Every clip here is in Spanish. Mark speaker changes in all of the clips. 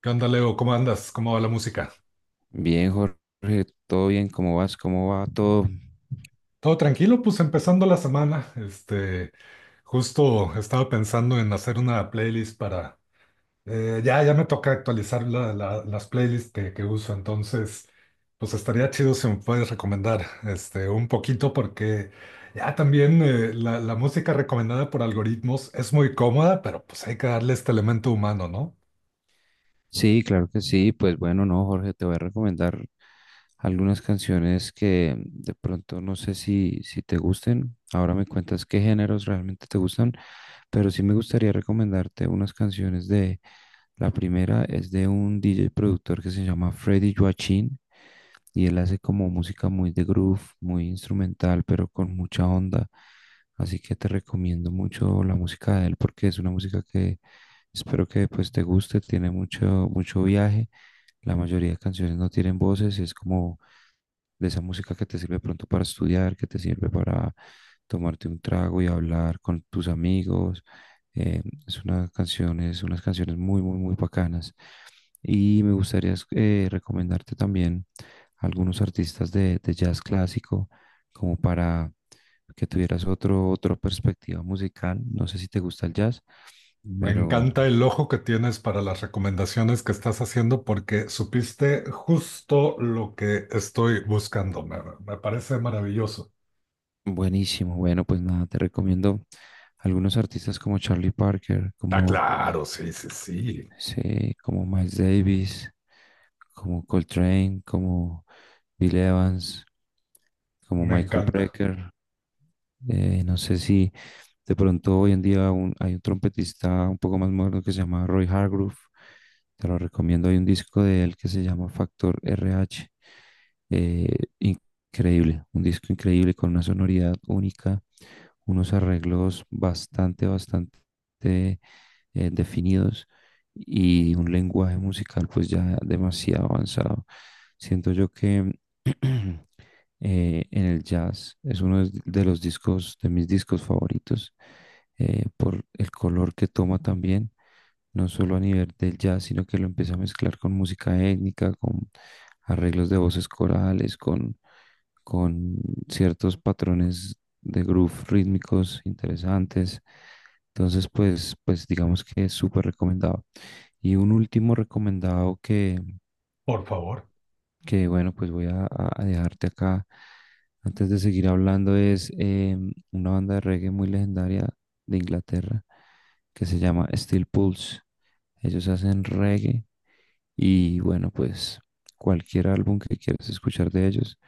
Speaker 1: ¿Qué onda, Leo? ¿Cómo andas? ¿Cómo va la música?
Speaker 2: Bien, Jorge, todo bien, ¿cómo vas? ¿Cómo va todo?
Speaker 1: Todo tranquilo, pues empezando la semana. Este, justo estaba pensando en hacer una playlist para. Ya me toca actualizar las playlists que uso. Entonces, pues estaría chido si me puedes recomendar este, un poquito, porque ya también la música recomendada por algoritmos es muy cómoda, pero pues hay que darle este elemento humano, ¿no?
Speaker 2: Sí, claro que sí. Pues bueno, no, Jorge, te voy a recomendar algunas canciones que de pronto no sé si te gusten. Ahora me cuentas qué géneros realmente te gustan, pero sí me gustaría recomendarte unas canciones de. La primera es de un DJ productor que se llama Freddy Joachim y él hace como música muy de groove, muy instrumental, pero con mucha onda. Así que te recomiendo mucho la música de él porque es una música que espero que pues te guste, tiene mucho, mucho viaje. La mayoría de canciones no tienen voces, es como de esa música que te sirve pronto para estudiar, que te sirve para tomarte un trago y hablar con tus amigos. Es unas canciones muy, muy, muy bacanas. Y me gustaría recomendarte también algunos artistas de jazz clásico, como para que tuvieras otra perspectiva musical. No sé si te gusta el jazz,
Speaker 1: Me
Speaker 2: pero
Speaker 1: encanta el ojo que tienes para las recomendaciones que estás haciendo porque supiste justo lo que estoy buscando. Me parece maravilloso.
Speaker 2: buenísimo, bueno, pues nada, te recomiendo algunos artistas como Charlie Parker,
Speaker 1: Está
Speaker 2: como,
Speaker 1: claro, sí, sí, sí.
Speaker 2: sí, como Miles Davis, como Coltrane, como Bill Evans, como
Speaker 1: Me
Speaker 2: Michael
Speaker 1: encanta.
Speaker 2: Brecker. No sé si de pronto hoy en día hay un trompetista un poco más moderno que se llama Roy Hargrove. Te lo recomiendo. Hay un disco de él que se llama Factor RH. Eh, increíble, un disco increíble con una sonoridad única, unos arreglos bastante, bastante definidos y un lenguaje musical pues ya demasiado avanzado. Siento yo que en el jazz. Es uno de los discos, de mis discos favoritos, por el color que toma también, no solo a nivel del jazz, sino que lo empieza a mezclar con música étnica, con arreglos de voces corales, con ciertos patrones de groove rítmicos interesantes. Entonces, pues digamos que es súper recomendado. Y un último recomendado que,
Speaker 1: Por favor.
Speaker 2: que bueno, pues voy a dejarte acá. Antes de seguir hablando, es una banda de reggae muy legendaria de Inglaterra que se llama Steel Pulse. Ellos hacen reggae y bueno, pues cualquier álbum que quieras escuchar de ellos,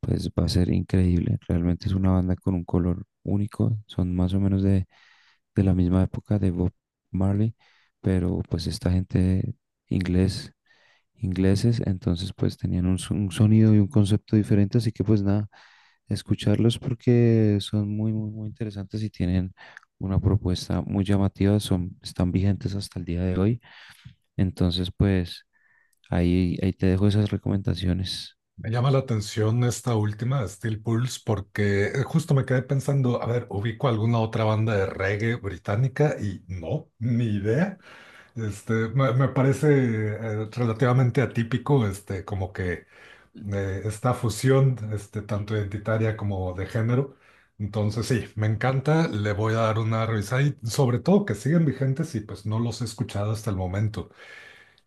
Speaker 2: pues va a ser increíble. Realmente es una banda con un color único. Son más o menos de la misma época de Bob Marley, pero pues esta gente inglés ingleses, entonces pues tenían un sonido y un concepto diferente, así que pues nada, escucharlos porque son muy, muy, muy interesantes y tienen una propuesta muy llamativa, son, están vigentes hasta el día de hoy, entonces pues ahí te dejo esas recomendaciones.
Speaker 1: Me llama la atención esta última, Steel Pulse, porque justo me quedé pensando, a ver, ubico alguna otra banda de reggae británica y no, ni idea. Este, me parece relativamente atípico, este, como que esta fusión, este, tanto identitaria como de género. Entonces, sí, me encanta, le voy a dar una revisada y sobre todo que siguen vigentes y pues no los he escuchado hasta el momento.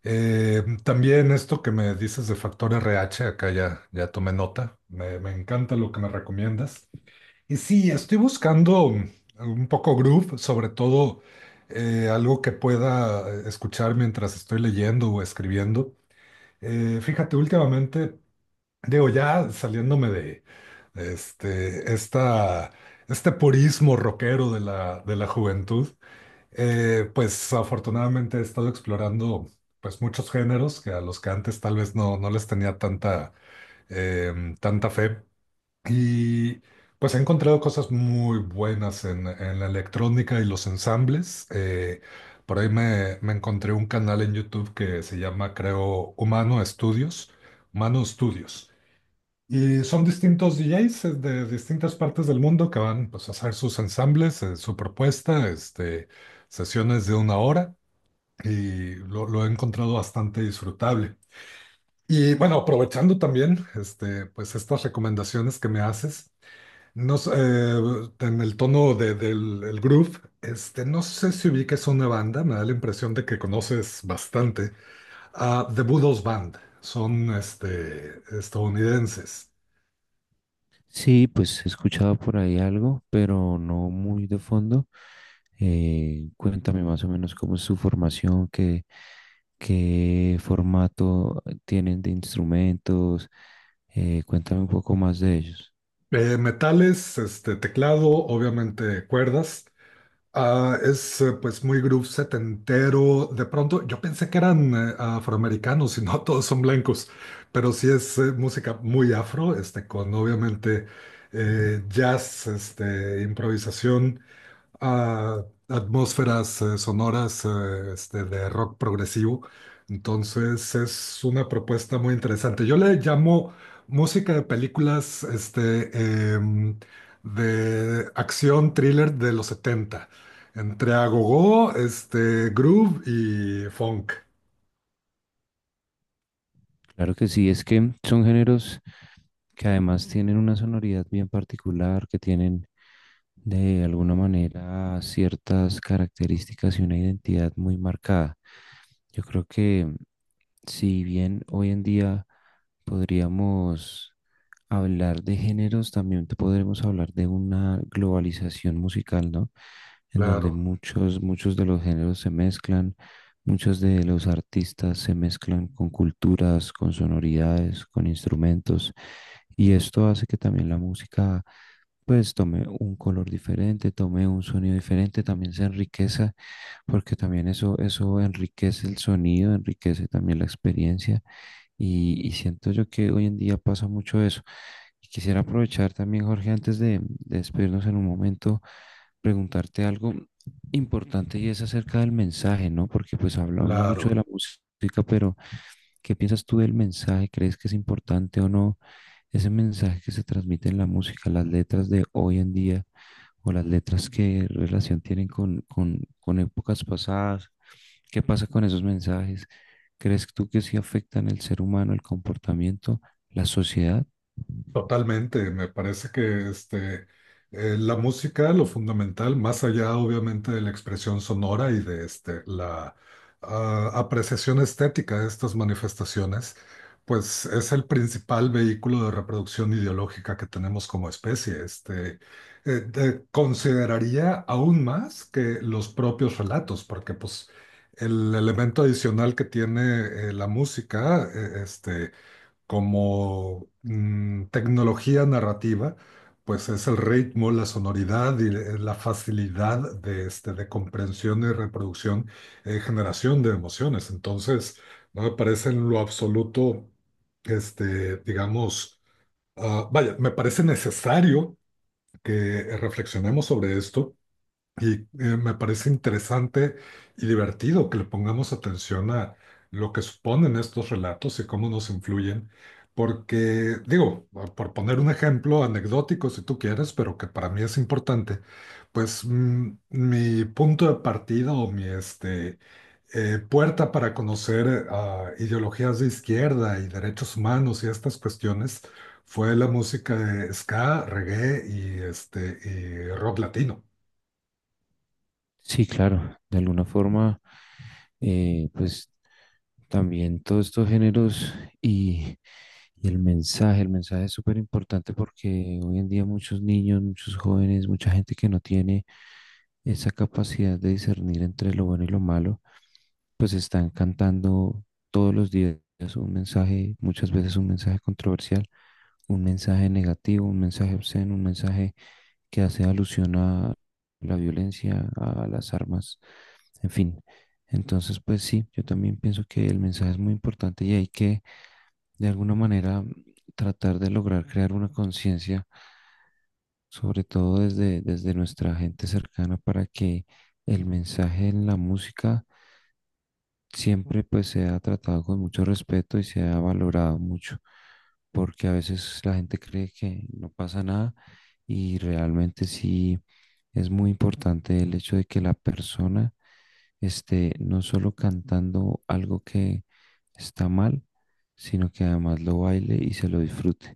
Speaker 1: También esto que me dices de Factor RH, acá ya tomé nota, me encanta lo que me recomiendas. Y sí, estoy buscando un poco groove, sobre todo algo que pueda escuchar mientras estoy leyendo o escribiendo. Fíjate, últimamente digo, ya saliéndome de de este, esta, este purismo rockero de de la juventud. Pues afortunadamente he estado explorando pues muchos géneros que a los que antes tal vez no les tenía tanta, tanta fe. Y pues he encontrado cosas muy buenas en la electrónica y los ensambles. Por ahí me encontré un canal en YouTube que se llama, creo, Humano Estudios. Humano Estudios. Y son distintos DJs de distintas partes del mundo que van, pues, a hacer sus ensambles, su propuesta, este, sesiones de una hora y lo he encontrado bastante disfrutable. Y bueno, aprovechando también este, pues, estas recomendaciones que me haces, no sé, en el tono del el groove, este, no sé si ubiques una banda, me da la impresión de que conoces bastante, a The Budos Band, son este, estadounidenses.
Speaker 2: Sí, pues he escuchado por ahí algo, pero no muy de fondo. Cuéntame más o menos cómo es su formación, qué formato tienen de instrumentos. Cuéntame un poco más de ellos.
Speaker 1: Metales, este, teclado, obviamente cuerdas. Ah, es pues muy groove setentero. De pronto yo pensé que eran afroamericanos y no todos son blancos, pero sí es música muy afro, este, con obviamente jazz, este, improvisación a atmósferas sonoras este, de rock progresivo. Entonces es una propuesta muy interesante. Yo le llamo música de películas este, de acción thriller de los 70, entre agogó, este, groove y funk.
Speaker 2: Claro que sí, es que son géneros que además tienen una sonoridad bien particular, que tienen de alguna manera ciertas características y una identidad muy marcada. Yo creo que si bien hoy en día podríamos hablar de géneros, también te podremos hablar de una globalización musical, ¿no? En donde
Speaker 1: Claro,
Speaker 2: muchos de los géneros se mezclan, muchos de los artistas se mezclan con culturas, con sonoridades, con instrumentos, y esto hace que también la música, pues, tome un color diferente, tome un sonido diferente, también se enriqueza, porque también eso enriquece el sonido, enriquece también la experiencia. Y siento yo que hoy en día pasa mucho eso. Y quisiera aprovechar también, Jorge, antes de despedirnos en un momento, preguntarte algo importante y es acerca del mensaje, ¿no? Porque pues hablamos mucho de
Speaker 1: claro.
Speaker 2: la música, pero ¿qué piensas tú del mensaje? ¿Crees que es importante o no ese mensaje que se transmite en la música, las letras de hoy en día? O las letras qué relación tienen con épocas pasadas, qué pasa con esos mensajes. ¿Crees tú que sí afectan el ser humano, el comportamiento, la sociedad?
Speaker 1: Totalmente, me parece que este, la música, lo fundamental, más allá obviamente de la expresión sonora y de este, la apreciación estética de estas manifestaciones, pues es el principal vehículo de reproducción ideológica que tenemos como especie. Este, consideraría aún más que los propios relatos, porque pues el elemento adicional que tiene la música, este, como mm, tecnología narrativa, pues es el ritmo, la sonoridad y la facilidad de, este, de comprensión y reproducción, generación de emociones. Entonces, no me parece en lo absoluto, este, digamos, vaya, me parece necesario que reflexionemos sobre esto y me parece interesante y divertido que le pongamos atención a lo que suponen estos relatos y cómo nos influyen, porque, digo, por poner un ejemplo anecdótico si tú quieres, pero que para mí es importante, pues mm, mi punto de partida o mi este, puerta para conocer a ideologías de izquierda y derechos humanos y estas cuestiones fue la música de ska, reggae y, este, y rock latino.
Speaker 2: Sí, claro, de alguna forma, pues también todos estos géneros y, y el mensaje es súper importante porque hoy en día muchos niños, muchos jóvenes, mucha gente que no tiene esa capacidad de discernir entre lo bueno y lo malo, pues están cantando todos los días un mensaje, muchas veces un mensaje controversial, un mensaje negativo, un mensaje obsceno, un mensaje que hace alusión a la violencia, a las armas, en fin. Entonces, pues sí, yo también pienso que el mensaje es muy importante y hay que, de alguna manera, tratar de lograr crear una conciencia, sobre todo desde nuestra gente cercana, para que el mensaje en la música siempre pues se ha tratado con mucho respeto y se ha valorado mucho, porque a veces la gente cree que no pasa nada y realmente sí es muy importante el hecho de que la persona esté no solo cantando algo que está mal, sino que además lo baile y se lo disfrute.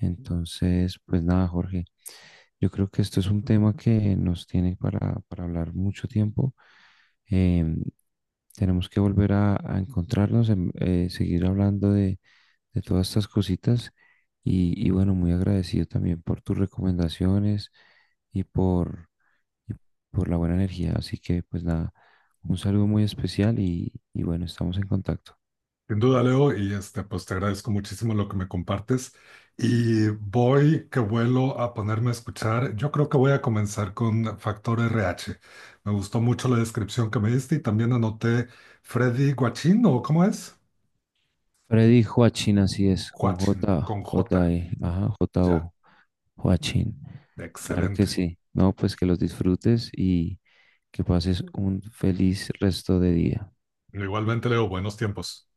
Speaker 2: Entonces, pues nada, Jorge, yo creo que esto es un tema que nos tiene para hablar mucho tiempo. Em, tenemos que volver a encontrarnos, seguir hablando de todas estas cositas. Y bueno, muy agradecido también por tus recomendaciones y por, y por la buena energía. Así que pues nada, un saludo muy especial y bueno, estamos en contacto.
Speaker 1: Sin duda, Leo, y este, pues te agradezco muchísimo lo que me compartes. Y voy que vuelo a ponerme a escuchar. Yo creo que voy a comenzar con Factor RH. Me gustó mucho la descripción que me diste y también anoté Freddy Guachín, ¿o cómo es?
Speaker 2: Freddy Joachim, así es, con
Speaker 1: Guachín,
Speaker 2: J,
Speaker 1: con
Speaker 2: J,
Speaker 1: J.
Speaker 2: E, ajá, J,
Speaker 1: Ya,
Speaker 2: O, Joachim. Claro que
Speaker 1: excelente.
Speaker 2: sí. No, pues que los disfrutes y que pases un feliz resto de día.
Speaker 1: Igualmente, Leo, buenos tiempos.